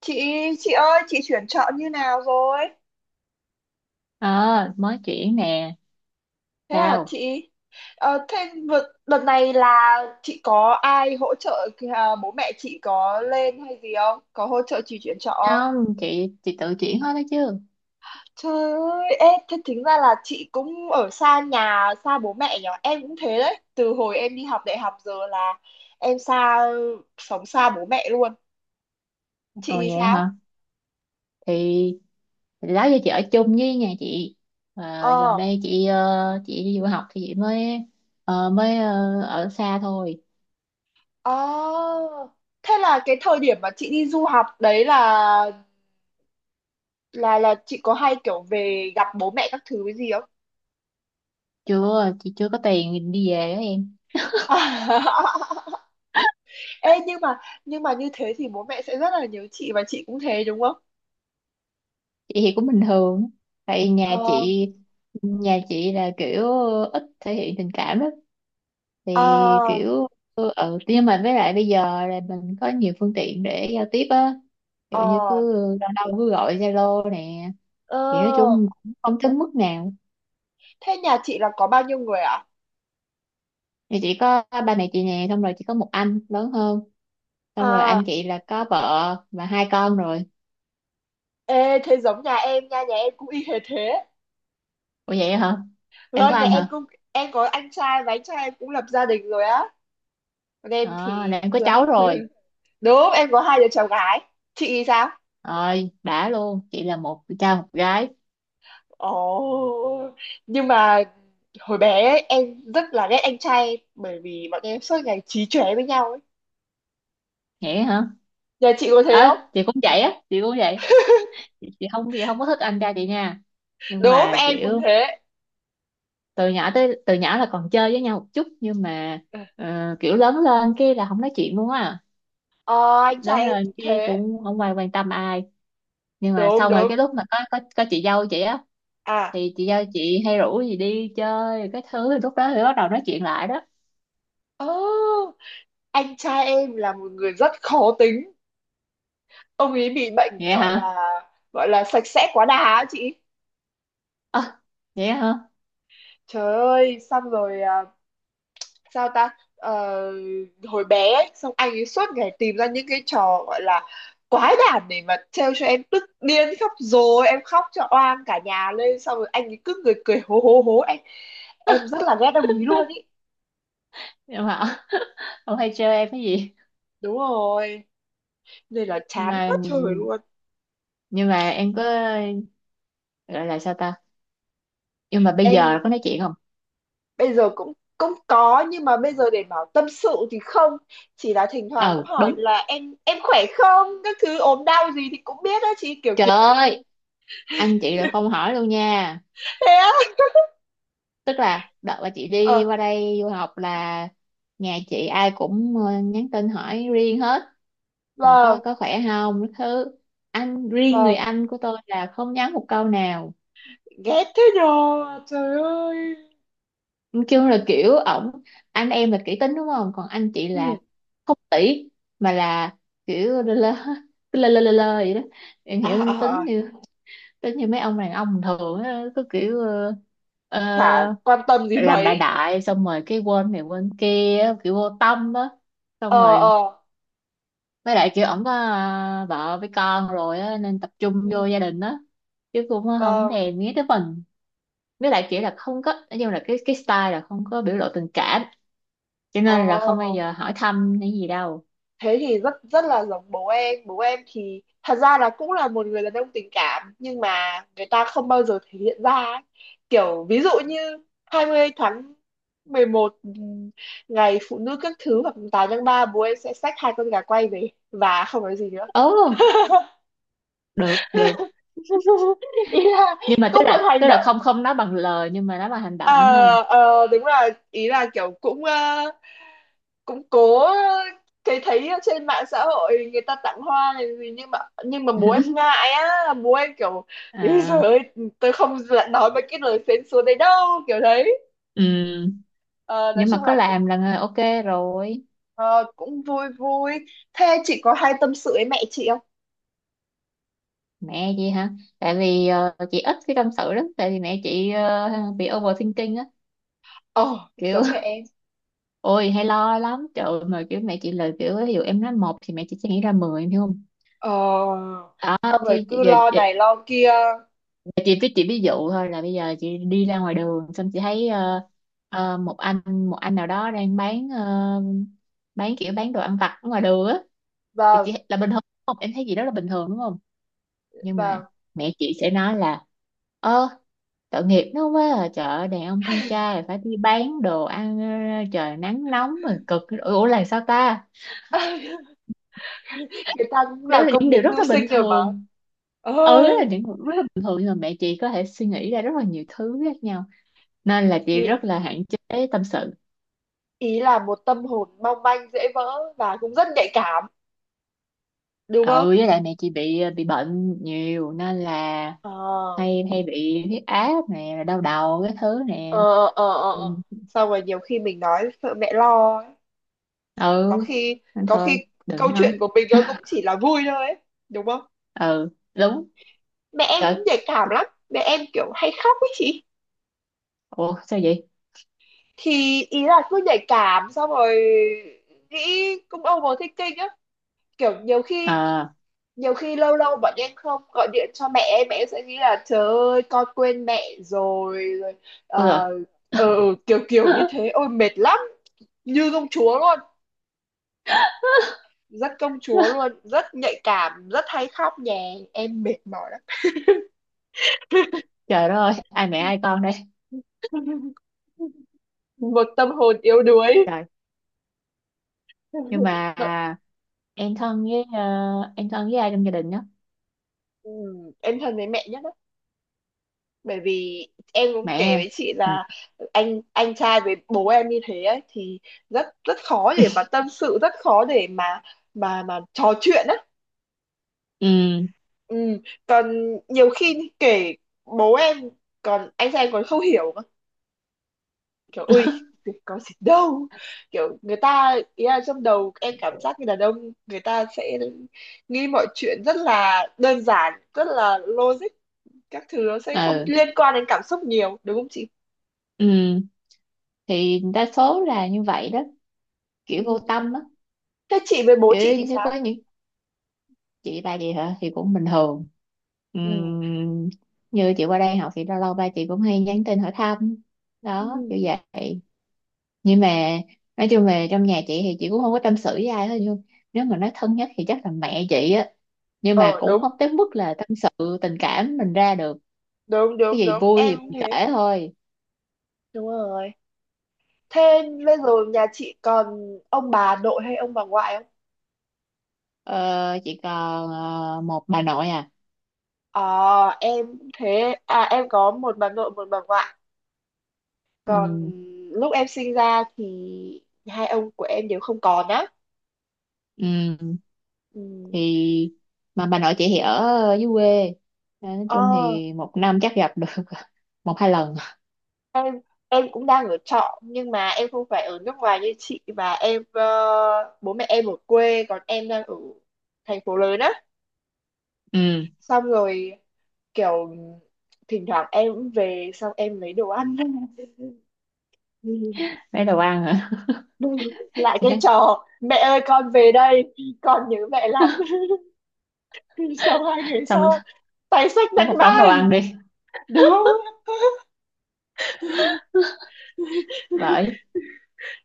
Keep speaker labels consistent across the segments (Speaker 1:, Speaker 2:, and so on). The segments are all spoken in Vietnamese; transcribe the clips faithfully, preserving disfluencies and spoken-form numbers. Speaker 1: chị chị ơi, chị chuyển chọn như nào rồi?
Speaker 2: Ờ, mới chuyển nè.
Speaker 1: Thế à
Speaker 2: Sao?
Speaker 1: chị? Ờ, thế vượt đợt này là chị có ai hỗ trợ à, bố mẹ chị có lên hay gì không, có hỗ trợ chị chuyển chọn không?
Speaker 2: Không, chị chị tự chuyển hết đó chứ.
Speaker 1: Trời ơi, ê, thế tính ra là chị cũng ở xa nhà, xa bố mẹ nhở. Em cũng thế đấy, từ hồi em đi học đại học giờ là em xa sống xa bố mẹ luôn. Chị
Speaker 2: Ồ,
Speaker 1: thì
Speaker 2: vậy
Speaker 1: sao?
Speaker 2: hả? Thì, thì đó giờ chị ở chung với nhà chị. Ờ, gần
Speaker 1: ờ
Speaker 2: đây chị ờ, chị đi du học thì chị mới ờ, mới ờ, ở xa thôi.
Speaker 1: ờ Thế là cái thời điểm mà chị đi du học đấy là, là là chị có hay kiểu về gặp bố mẹ các thứ cái gì không?
Speaker 2: Chưa, chị chưa có tiền đi về đó em.
Speaker 1: Ê, nhưng mà nhưng mà như thế thì bố mẹ sẽ rất là nhớ chị và chị cũng thế đúng không?
Speaker 2: Chị thì cũng bình thường. Tại nhà
Speaker 1: ờ
Speaker 2: chị nhà chị là kiểu ít thể hiện tình cảm đó. Thì
Speaker 1: ờ
Speaker 2: kiểu ừ nhưng mà với lại bây giờ là mình có nhiều phương tiện để giao tiếp á, ví dụ như cứ
Speaker 1: ờ
Speaker 2: đâu đâu cứ gọi Zalo nè, thì nói
Speaker 1: ờ
Speaker 2: chung cũng không tới mức nào.
Speaker 1: Thế nhà chị là có bao nhiêu người ạ?
Speaker 2: Thì chỉ có ba mẹ chị nè, xong rồi chỉ có một anh lớn hơn, xong rồi anh
Speaker 1: À?
Speaker 2: chị là có vợ và hai con rồi.
Speaker 1: Ê, thế giống nhà em nha, nhà em cũng y hệt thế.
Speaker 2: Ủa vậy hả? Em có
Speaker 1: Vâng, nhà
Speaker 2: anh
Speaker 1: em
Speaker 2: hả?
Speaker 1: cũng em có anh trai và anh trai em cũng lập gia đình rồi á, còn em
Speaker 2: Ờ,
Speaker 1: thì
Speaker 2: là em có
Speaker 1: chưa.
Speaker 2: cháu rồi.
Speaker 1: Đúng, em có hai đứa cháu gái. Chị thì sao?
Speaker 2: Rồi đã luôn, chị là một cha một gái.
Speaker 1: Ồ, nhưng mà hồi bé ấy, em rất là ghét anh trai bởi vì bọn em suốt ngày chí chóe với nhau ấy.
Speaker 2: Vậy hả?
Speaker 1: Nhà chị có thế
Speaker 2: Ờ,
Speaker 1: không?
Speaker 2: chị cũng vậy á, chị cũng vậy. Chị, chị không chị không có thích anh trai chị nha, nhưng
Speaker 1: Đúng,
Speaker 2: mà
Speaker 1: em cũng
Speaker 2: kiểu
Speaker 1: thế.
Speaker 2: từ nhỏ tới từ nhỏ là còn chơi với nhau một chút, nhưng mà ờ, kiểu lớn lên cái là không nói chuyện luôn á.
Speaker 1: Ờ, anh trai
Speaker 2: Lớn
Speaker 1: em
Speaker 2: lên
Speaker 1: cũng
Speaker 2: cái
Speaker 1: thế.
Speaker 2: cũng không ai quan tâm ai. Nhưng mà
Speaker 1: Đúng,
Speaker 2: xong rồi
Speaker 1: đúng.
Speaker 2: cái lúc mà có có có chị dâu chị á,
Speaker 1: À,
Speaker 2: thì chị dâu chị hay rủ gì đi chơi cái thứ thì lúc đó thì bắt đầu nói chuyện lại đó.
Speaker 1: ơ, anh trai em là một người rất khó tính. Ông ấy bị bệnh
Speaker 2: Vậy
Speaker 1: gọi
Speaker 2: hả?
Speaker 1: là gọi là sạch sẽ quá đà á chị.
Speaker 2: Ơ, vậy hả?
Speaker 1: Trời ơi, xong rồi à, sao ta. Ờ, hồi bé ấy, xong anh ấy suốt ngày tìm ra những cái trò gọi là quái đản để mà trêu cho em tức điên khóc, rồi em khóc cho oan cả nhà lên, xong rồi anh ấy cứ người cười hố hố hố, em em rất là ghét, đồng ý luôn ý.
Speaker 2: Nhưng mà ờ, ông hay chơi em cái gì?
Speaker 1: Đúng rồi, nên là
Speaker 2: Nhưng
Speaker 1: chán
Speaker 2: mà,
Speaker 1: quá trời luôn.
Speaker 2: nhưng mà em có gọi là sao ta, nhưng mà bây giờ
Speaker 1: Em
Speaker 2: có nói chuyện không?
Speaker 1: bây giờ cũng cũng có, nhưng mà bây giờ để bảo tâm sự thì không, chỉ là thỉnh thoảng cũng
Speaker 2: Ừ
Speaker 1: hỏi
Speaker 2: đúng,
Speaker 1: là em em khỏe không, các thứ ốm đau gì thì cũng biết đó chị, kiểu
Speaker 2: trời
Speaker 1: kiểu.
Speaker 2: ơi, anh chị là không hỏi luôn nha.
Speaker 1: Thế á?
Speaker 2: Tức là đợt mà chị
Speaker 1: ờ
Speaker 2: đi qua đây du học là nhà chị ai cũng ờ, nhắn tin hỏi riêng hết, là có
Speaker 1: vâng,
Speaker 2: có khỏe không cái thứ, anh riêng người
Speaker 1: vâng.
Speaker 2: anh của tôi là không nhắn một câu nào.
Speaker 1: Ghét thế nhờ. Trời ơi.
Speaker 2: Kêu là kiểu ổng, anh em là kỹ tính đúng không, còn anh chị là
Speaker 1: Ừ.
Speaker 2: không tỷ mà là kiểu lơ lơ, cứ lơ lơ lơ lơ vậy đó. Em
Speaker 1: À,
Speaker 2: hiểu
Speaker 1: à,
Speaker 2: tính
Speaker 1: à,
Speaker 2: như tính như mấy ông đàn ông bình thường á, cứ kiểu
Speaker 1: chả
Speaker 2: uh,
Speaker 1: quan tâm gì
Speaker 2: làm đại
Speaker 1: mấy.
Speaker 2: đại, xong rồi cái quên này quên kia á, kiểu vô tâm á. Xong
Speaker 1: ờ
Speaker 2: rồi
Speaker 1: ờ
Speaker 2: với lại kiểu ổng có à, vợ với con rồi á nên tập
Speaker 1: ừ.
Speaker 2: trung vô gia đình á, chứ cũng không
Speaker 1: Vâng.
Speaker 2: thèm nghĩ tới mình. Với lại kiểu là không có, nói chung là cái cái style là không có biểu lộ tình cảm, cho nên là không bao
Speaker 1: ờ
Speaker 2: giờ hỏi thăm hay gì đâu.
Speaker 1: Thế thì rất rất là giống bố em. Bố em thì thật ra là cũng là một người đàn ông tình cảm nhưng mà người ta không bao giờ thể hiện ra ấy. Kiểu ví dụ như hai mươi tháng mười một, ừ, ngày phụ nữ các thứ, hoặc tám tháng ba bố em sẽ xách hai con gà quay về và không nói gì nữa.
Speaker 2: Ồ, được được.
Speaker 1: Ý là
Speaker 2: Nhưng mà
Speaker 1: cũng
Speaker 2: tức
Speaker 1: một
Speaker 2: là
Speaker 1: hành
Speaker 2: tức là
Speaker 1: động.
Speaker 2: không không nói bằng lời nhưng mà nói bằng hành động
Speaker 1: ờ
Speaker 2: đúng không?
Speaker 1: ờ Đúng là ý là kiểu cũng, ờ, cũng cố thấy thấy ở trên mạng xã hội người ta tặng hoa này gì, nhưng mà nhưng mà bố em ngại á, bố em kiểu "Ý giời
Speaker 2: À,
Speaker 1: ơi, tôi không dạ- nói mấy cái lời phến xúa đấy đâu" kiểu đấy.
Speaker 2: ừ.
Speaker 1: Ờ, nói
Speaker 2: Nhưng mà
Speaker 1: chung
Speaker 2: có
Speaker 1: là cũng,
Speaker 2: làm là ok rồi.
Speaker 1: ờ, cũng vui vui. Thế chị có hay tâm sự với mẹ chị không?
Speaker 2: Mẹ chị hả? Tại vì ờ, chị ít khi tâm sự lắm, tại vì mẹ chị ờ, bị overthinking á,
Speaker 1: ờ
Speaker 2: kiểu
Speaker 1: Giống mẹ em.
Speaker 2: ôi hay lo lắm, trời ơi, mà kiểu mẹ chị lời kiểu, ví dụ em nói một thì mẹ chị sẽ nghĩ ra mười, em hiểu không?
Speaker 1: ờ
Speaker 2: Đó
Speaker 1: Xong rồi
Speaker 2: thì
Speaker 1: cứ
Speaker 2: giờ,
Speaker 1: lo
Speaker 2: giờ,
Speaker 1: này lo kia. Ờ,
Speaker 2: giờ chị với chị, ví dụ thôi là bây giờ chị đi ra ngoài đường xong chị thấy ờ, ờ, một anh một anh nào đó đang bán ờ, bán kiểu bán đồ ăn vặt ở ngoài đường á, thì chị
Speaker 1: vâng,
Speaker 2: là bình thường đúng không, em thấy gì đó là bình thường đúng không. Nhưng mà
Speaker 1: vâng.
Speaker 2: mẹ chị sẽ nói là: Ơ, tội nghiệp nó quá à, trời ơi, đàn ông con trai là phải đi bán đồ ăn ờ, trời nắng nóng mà cực, ủa ủa là sao ta.
Speaker 1: Người ta cũng làm
Speaker 2: Đấy là
Speaker 1: công
Speaker 2: những điều
Speaker 1: việc
Speaker 2: rất
Speaker 1: mưu
Speaker 2: là bình
Speaker 1: sinh rồi mà.
Speaker 2: thường.
Speaker 1: Ờ,
Speaker 2: Ừ, là những điều rất là bình thường, nhưng mà mẹ chị có thể suy nghĩ ra rất là nhiều thứ khác nhau, nên là chị
Speaker 1: ý,
Speaker 2: rất là hạn chế tâm sự.
Speaker 1: ý là một tâm hồn mong manh dễ vỡ và cũng rất nhạy cảm đúng không?
Speaker 2: Ừ, với lại mẹ chị bị ờ, bị bệnh nhiều nên là
Speaker 1: ờ
Speaker 2: hay hay bị huyết áp nè, rồi đau đầu cái thứ nè.
Speaker 1: ờ ờ ờ
Speaker 2: Ừ.
Speaker 1: ờ. Xong rồi nhiều khi mình nói sợ mẹ lo ấy. có
Speaker 2: Ừ.
Speaker 1: khi
Speaker 2: Nên
Speaker 1: có
Speaker 2: thôi
Speaker 1: khi câu
Speaker 2: đừng nói.
Speaker 1: chuyện của mình nó cũng chỉ là vui thôi ấy, đúng không?
Speaker 2: Ừ đúng.
Speaker 1: Mẹ em cũng
Speaker 2: Trời,
Speaker 1: nhạy cảm lắm, mẹ em kiểu hay khóc ấy chị.
Speaker 2: ủa sao vậy?
Speaker 1: Thì ý là cứ nhạy cảm, xong rồi nghĩ, cũng overthinking á, kiểu nhiều khi
Speaker 2: À,
Speaker 1: nhiều khi lâu lâu bọn em không gọi điện cho mẹ em, mẹ em sẽ nghĩ là trời ơi con quên mẹ rồi rồi.
Speaker 2: ôi rồi.
Speaker 1: ờ ờ, ờ, kiểu kiểu như thế, ôi mệt lắm. Như công chúa luôn, rất công chúa luôn, rất nhạy cảm, rất hay khóc nhè, em mệt mỏi lắm.
Speaker 2: Trời đất ơi, ai mẹ ai con đây.
Speaker 1: Một tâm hồn yếu đuối.
Speaker 2: Trời. Nhưng mà
Speaker 1: Vậy,
Speaker 2: em thân với, ờ, em thân với ai trong gia đình đó?
Speaker 1: ừ, em thân với mẹ nhất bởi vì em cũng
Speaker 2: Mẹ
Speaker 1: kể
Speaker 2: em.
Speaker 1: với chị
Speaker 2: Ừ.
Speaker 1: là anh anh trai với bố em như thế ấy thì rất rất khó để mà tâm sự, rất khó để mà mà mà trò chuyện á.
Speaker 2: Ừ.
Speaker 1: Ừ. Còn nhiều khi kể bố em, còn anh trai em còn không hiểu cơ. Kiểu "ui có gì đâu" kiểu, người ta ý là trong đầu em cảm giác như đàn ông người ta sẽ nghĩ mọi chuyện rất là đơn giản, rất là logic, các thứ nó sẽ không
Speaker 2: Ừ.
Speaker 1: liên quan đến cảm xúc nhiều, đúng không
Speaker 2: Ừ. Thì đa số là như vậy đó,
Speaker 1: chị?
Speaker 2: kiểu vô tâm á,
Speaker 1: Thế chị với bố chị
Speaker 2: kiểu
Speaker 1: thì
Speaker 2: như sẽ có
Speaker 1: sao?
Speaker 2: những. Chị ba chị hả? Thì cũng bình thường.
Speaker 1: Ừ.
Speaker 2: Ừm. Như chị qua đây học thì lâu lâu ba chị cũng hay nhắn tin hỏi thăm. Đó,
Speaker 1: Ừ.
Speaker 2: kiểu vậy. Nhưng mà nói chung về trong nhà chị thì chị cũng không có tâm sự với ai hết, nhưng nếu mà nói thân nhất thì chắc là mẹ chị á, nhưng
Speaker 1: ờ
Speaker 2: mà cũng
Speaker 1: Đúng,
Speaker 2: không tới mức là tâm sự tình cảm mình ra được.
Speaker 1: đúng,
Speaker 2: Cái
Speaker 1: đúng,
Speaker 2: gì
Speaker 1: đúng,
Speaker 2: vui thì
Speaker 1: em cũng
Speaker 2: mình
Speaker 1: thế.
Speaker 2: kể thôi.
Speaker 1: Đúng rồi. Thế bây giờ nhà chị còn ông bà nội hay ông bà ngoại không?
Speaker 2: ờ, chị còn ờ, một bà nội à.
Speaker 1: ờ em cũng thế à, em có một bà nội, một bà ngoại. Còn
Speaker 2: Ừ,
Speaker 1: lúc em sinh ra thì hai ông của em đều không còn á.
Speaker 2: ừ,
Speaker 1: Ừ.
Speaker 2: thì mà bà nội chị thì ở dưới quê, nên nói chung
Speaker 1: ờ
Speaker 2: thì một năm chắc gặp được một hai lần.
Speaker 1: em em cũng đang ở trọ nhưng mà em không phải ở nước ngoài như chị, và em, ờ, bố mẹ em ở quê còn em đang ở thành phố lớn á.
Speaker 2: Ừ,
Speaker 1: Xong rồi kiểu thỉnh thoảng em cũng về, xong em lấy đồ ăn.
Speaker 2: lấy đồ ăn hả?
Speaker 1: Lại
Speaker 2: Chị
Speaker 1: cái
Speaker 2: thấy,
Speaker 1: trò "mẹ ơi con về đây, con nhớ mẹ lắm". Sau hai ngày
Speaker 2: xong
Speaker 1: sau tay xách
Speaker 2: lấy một
Speaker 1: bánh ba.
Speaker 2: đống đồ ăn đi.
Speaker 1: Đúng.
Speaker 2: Bởi.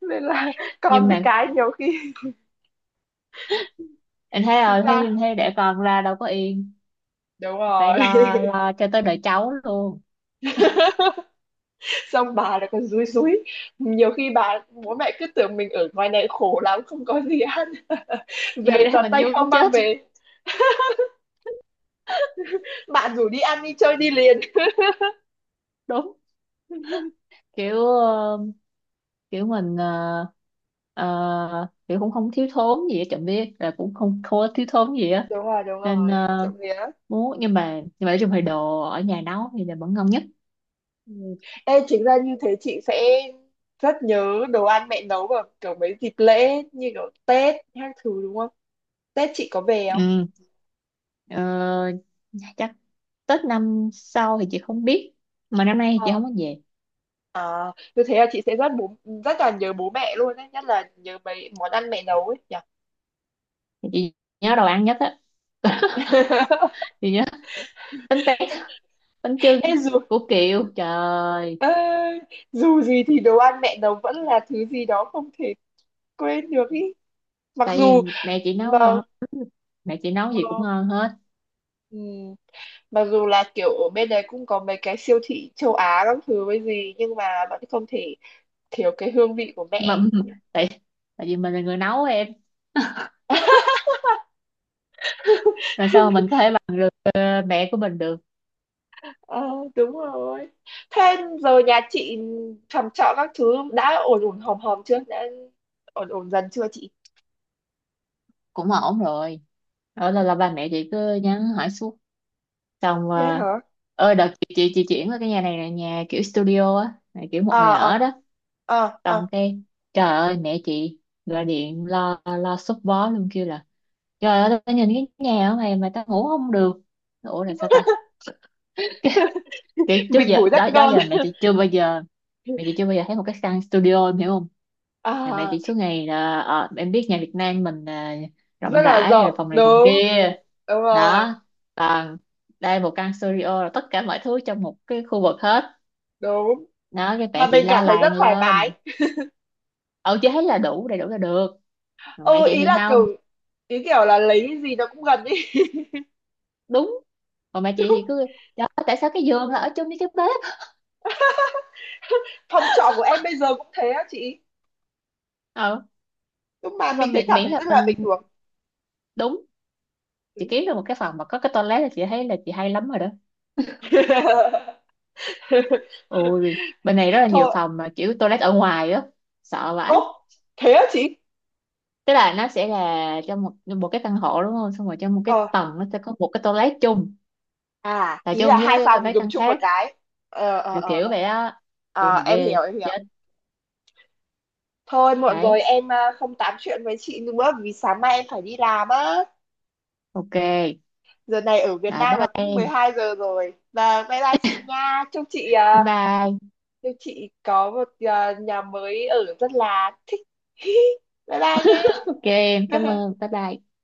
Speaker 1: Nên là con
Speaker 2: Nhưng
Speaker 1: với
Speaker 2: mà
Speaker 1: cái nhiều khi.
Speaker 2: em thấy
Speaker 1: Chính
Speaker 2: rồi, thế
Speaker 1: ra
Speaker 2: thế để con ra đâu có yên,
Speaker 1: đúng
Speaker 2: phải
Speaker 1: rồi.
Speaker 2: lo lo cho tới đời cháu luôn.
Speaker 1: Xong bà lại còn dúi dúi, nhiều khi bà, bố mẹ cứ tưởng mình ở ngoài này khổ lắm không có gì ăn.
Speaker 2: Nhưng thật
Speaker 1: Về
Speaker 2: ra
Speaker 1: toàn
Speaker 2: mình
Speaker 1: tay không
Speaker 2: vướng
Speaker 1: mang
Speaker 2: chết.
Speaker 1: về, bạn rủ đi ăn đi chơi đi liền.
Speaker 2: Đúng, kiểu ờ, kiểu mình, ờ, ờ, kiểu cũng không thiếu thốn gì hết, chẳng biết là cũng không thua thiếu thốn gì á.
Speaker 1: Đúng rồi, đúng
Speaker 2: Nên
Speaker 1: rồi,
Speaker 2: ờ,
Speaker 1: trộm vía.
Speaker 2: muốn, nhưng mà nhưng mà nói chung thì đồ ở nhà nấu thì là vẫn ngon nhất.
Speaker 1: Ừ. Ê, chính ra như thế chị sẽ rất nhớ đồ ăn mẹ nấu vào kiểu mấy dịp lễ như kiểu Tết hay thứ, đúng không? Tết chị có về không?
Speaker 2: Ừ. ờ, Chắc Tết năm sau thì chị không biết, mà năm nay thì
Speaker 1: ờ
Speaker 2: chị không có về.
Speaker 1: À, như thế là chị sẽ rất bố rất là nhớ bố mẹ luôn ấy, nhất là nhớ mấy món ăn mẹ nấu ấy nhỉ.
Speaker 2: Thì chị nhớ đồ ăn nhất á. Chị nhớ bánh tét,
Speaker 1: ê,
Speaker 2: bánh chưng
Speaker 1: ê, dù
Speaker 2: của kiều, trời.
Speaker 1: ê, dù gì thì đồ ăn mẹ nấu vẫn là thứ gì đó không thể quên được ý, mặc
Speaker 2: Tại
Speaker 1: dù
Speaker 2: vì mẹ chị
Speaker 1: mà
Speaker 2: nấu ngon lắm. Mẹ chị nấu gì cũng
Speaker 1: ờ,
Speaker 2: ngon hết.
Speaker 1: ừ. Mặc dù là kiểu ở bên đấy cũng có mấy cái siêu thị châu Á các thứ với gì, nhưng mà vẫn không thể thiếu cái hương vị của
Speaker 2: Nhưng mà
Speaker 1: mẹ.
Speaker 2: tại tại vì mình là người nấu em, làm sao mà mình có thể bằng được ờ, mẹ của mình được.
Speaker 1: ờ Đúng rồi. Thế giờ nhà chị, phòng trọ các thứ đã ổn ổn hòm hòm chưa, đã ổn ổn dần chưa chị?
Speaker 2: Cũng ổn rồi. Đó là, là ba mẹ chị cứ nhắn hỏi suốt, xong
Speaker 1: Thế
Speaker 2: ờ,
Speaker 1: hả?
Speaker 2: ơi đợt chị, chị chị chuyển qua cái nhà này là nhà kiểu studio á, là kiểu một
Speaker 1: ờ
Speaker 2: người
Speaker 1: ờ
Speaker 2: ở đó.
Speaker 1: ờ ờ
Speaker 2: Xong cái trời ơi, mẹ chị gọi điện lo lo sốt vó luôn, kêu là: Trời ơi tao nhìn cái nhà ở này mà tao ngủ không được. Ủa là sao ta. Kiểu trước
Speaker 1: mình
Speaker 2: giờ
Speaker 1: ngủ rất
Speaker 2: đó đó
Speaker 1: ngon.
Speaker 2: giờ mẹ chị chưa bao giờ mẹ chị chưa bao giờ thấy một cái căn studio, em hiểu không? Ngày này
Speaker 1: À,
Speaker 2: chị suốt ngày là, ờ, em biết nhà Việt Nam mình à,
Speaker 1: rất
Speaker 2: rộng
Speaker 1: là
Speaker 2: rãi à,
Speaker 1: rộng,
Speaker 2: phòng này phòng
Speaker 1: đúng,
Speaker 2: kia
Speaker 1: đúng rồi,
Speaker 2: đó. Còn đây một căn studio là tất cả mọi thứ trong một cái khu vực hết.
Speaker 1: đúng,
Speaker 2: Đó cái
Speaker 1: mà
Speaker 2: mẹ chị
Speaker 1: mình cảm
Speaker 2: la
Speaker 1: thấy rất
Speaker 2: làng
Speaker 1: thoải mái.
Speaker 2: lên. Ừ, chị thấy là đủ, đầy đủ là được, mà mẹ
Speaker 1: Ừ,
Speaker 2: chị
Speaker 1: ý
Speaker 2: thì
Speaker 1: là kiểu,
Speaker 2: không.
Speaker 1: ý kiểu là lấy cái gì nó cũng gần ý.
Speaker 2: Đúng. Còn mẹ chị thì cứ: Trời ơi, tại sao cái giường là ở chung với cái bếp.
Speaker 1: Phòng trọ của em bây giờ cũng thế á chị,
Speaker 2: Ừ.
Speaker 1: nhưng mà
Speaker 2: Nhưng mà
Speaker 1: mình thấy
Speaker 2: miễn,
Speaker 1: cảm
Speaker 2: miễn
Speaker 1: thấy
Speaker 2: là
Speaker 1: rất là
Speaker 2: mình,
Speaker 1: bình thường.
Speaker 2: đúng, chị kiếm được một cái phòng mà có cái toilet là chị thấy là chị hay lắm rồi đó. Ôi, bên này rất là nhiều
Speaker 1: Thôi.
Speaker 2: phòng mà kiểu toilet ở ngoài á, sợ vãi.
Speaker 1: Ố, thế á chị?
Speaker 2: Tức là nó sẽ là trong một một cái căn hộ đúng không? Xong rồi trong một cái
Speaker 1: ờ
Speaker 2: tầng nó sẽ có một cái toilet chung,
Speaker 1: À,
Speaker 2: là
Speaker 1: ý
Speaker 2: chung
Speaker 1: là hai
Speaker 2: với
Speaker 1: phòng
Speaker 2: mấy
Speaker 1: dùng
Speaker 2: căn
Speaker 1: chung một
Speaker 2: khác,
Speaker 1: cái. ờ ờ
Speaker 2: kiểu
Speaker 1: ờ
Speaker 2: kiểu
Speaker 1: ờ.
Speaker 2: vậy á. Ôi
Speaker 1: Ờ,
Speaker 2: mà
Speaker 1: em
Speaker 2: ghê,
Speaker 1: hiểu, em hiểu.
Speaker 2: chết.
Speaker 1: Thôi muộn rồi
Speaker 2: Đấy,
Speaker 1: em à, không tám chuyện với chị nữa vì sáng mai em phải đi làm á.
Speaker 2: ok.
Speaker 1: Giờ này ở Việt
Speaker 2: Rồi bye
Speaker 1: Nam là
Speaker 2: bye
Speaker 1: cũng mười
Speaker 2: em.
Speaker 1: hai giờ rồi, và bye bye chị nha, chúc chị,
Speaker 2: Bye
Speaker 1: à,
Speaker 2: bye.
Speaker 1: chúc chị có một, à, nhà mới ở rất là thích. Bye bye
Speaker 2: Ok em, cảm
Speaker 1: nha.
Speaker 2: ơn. Bye bye.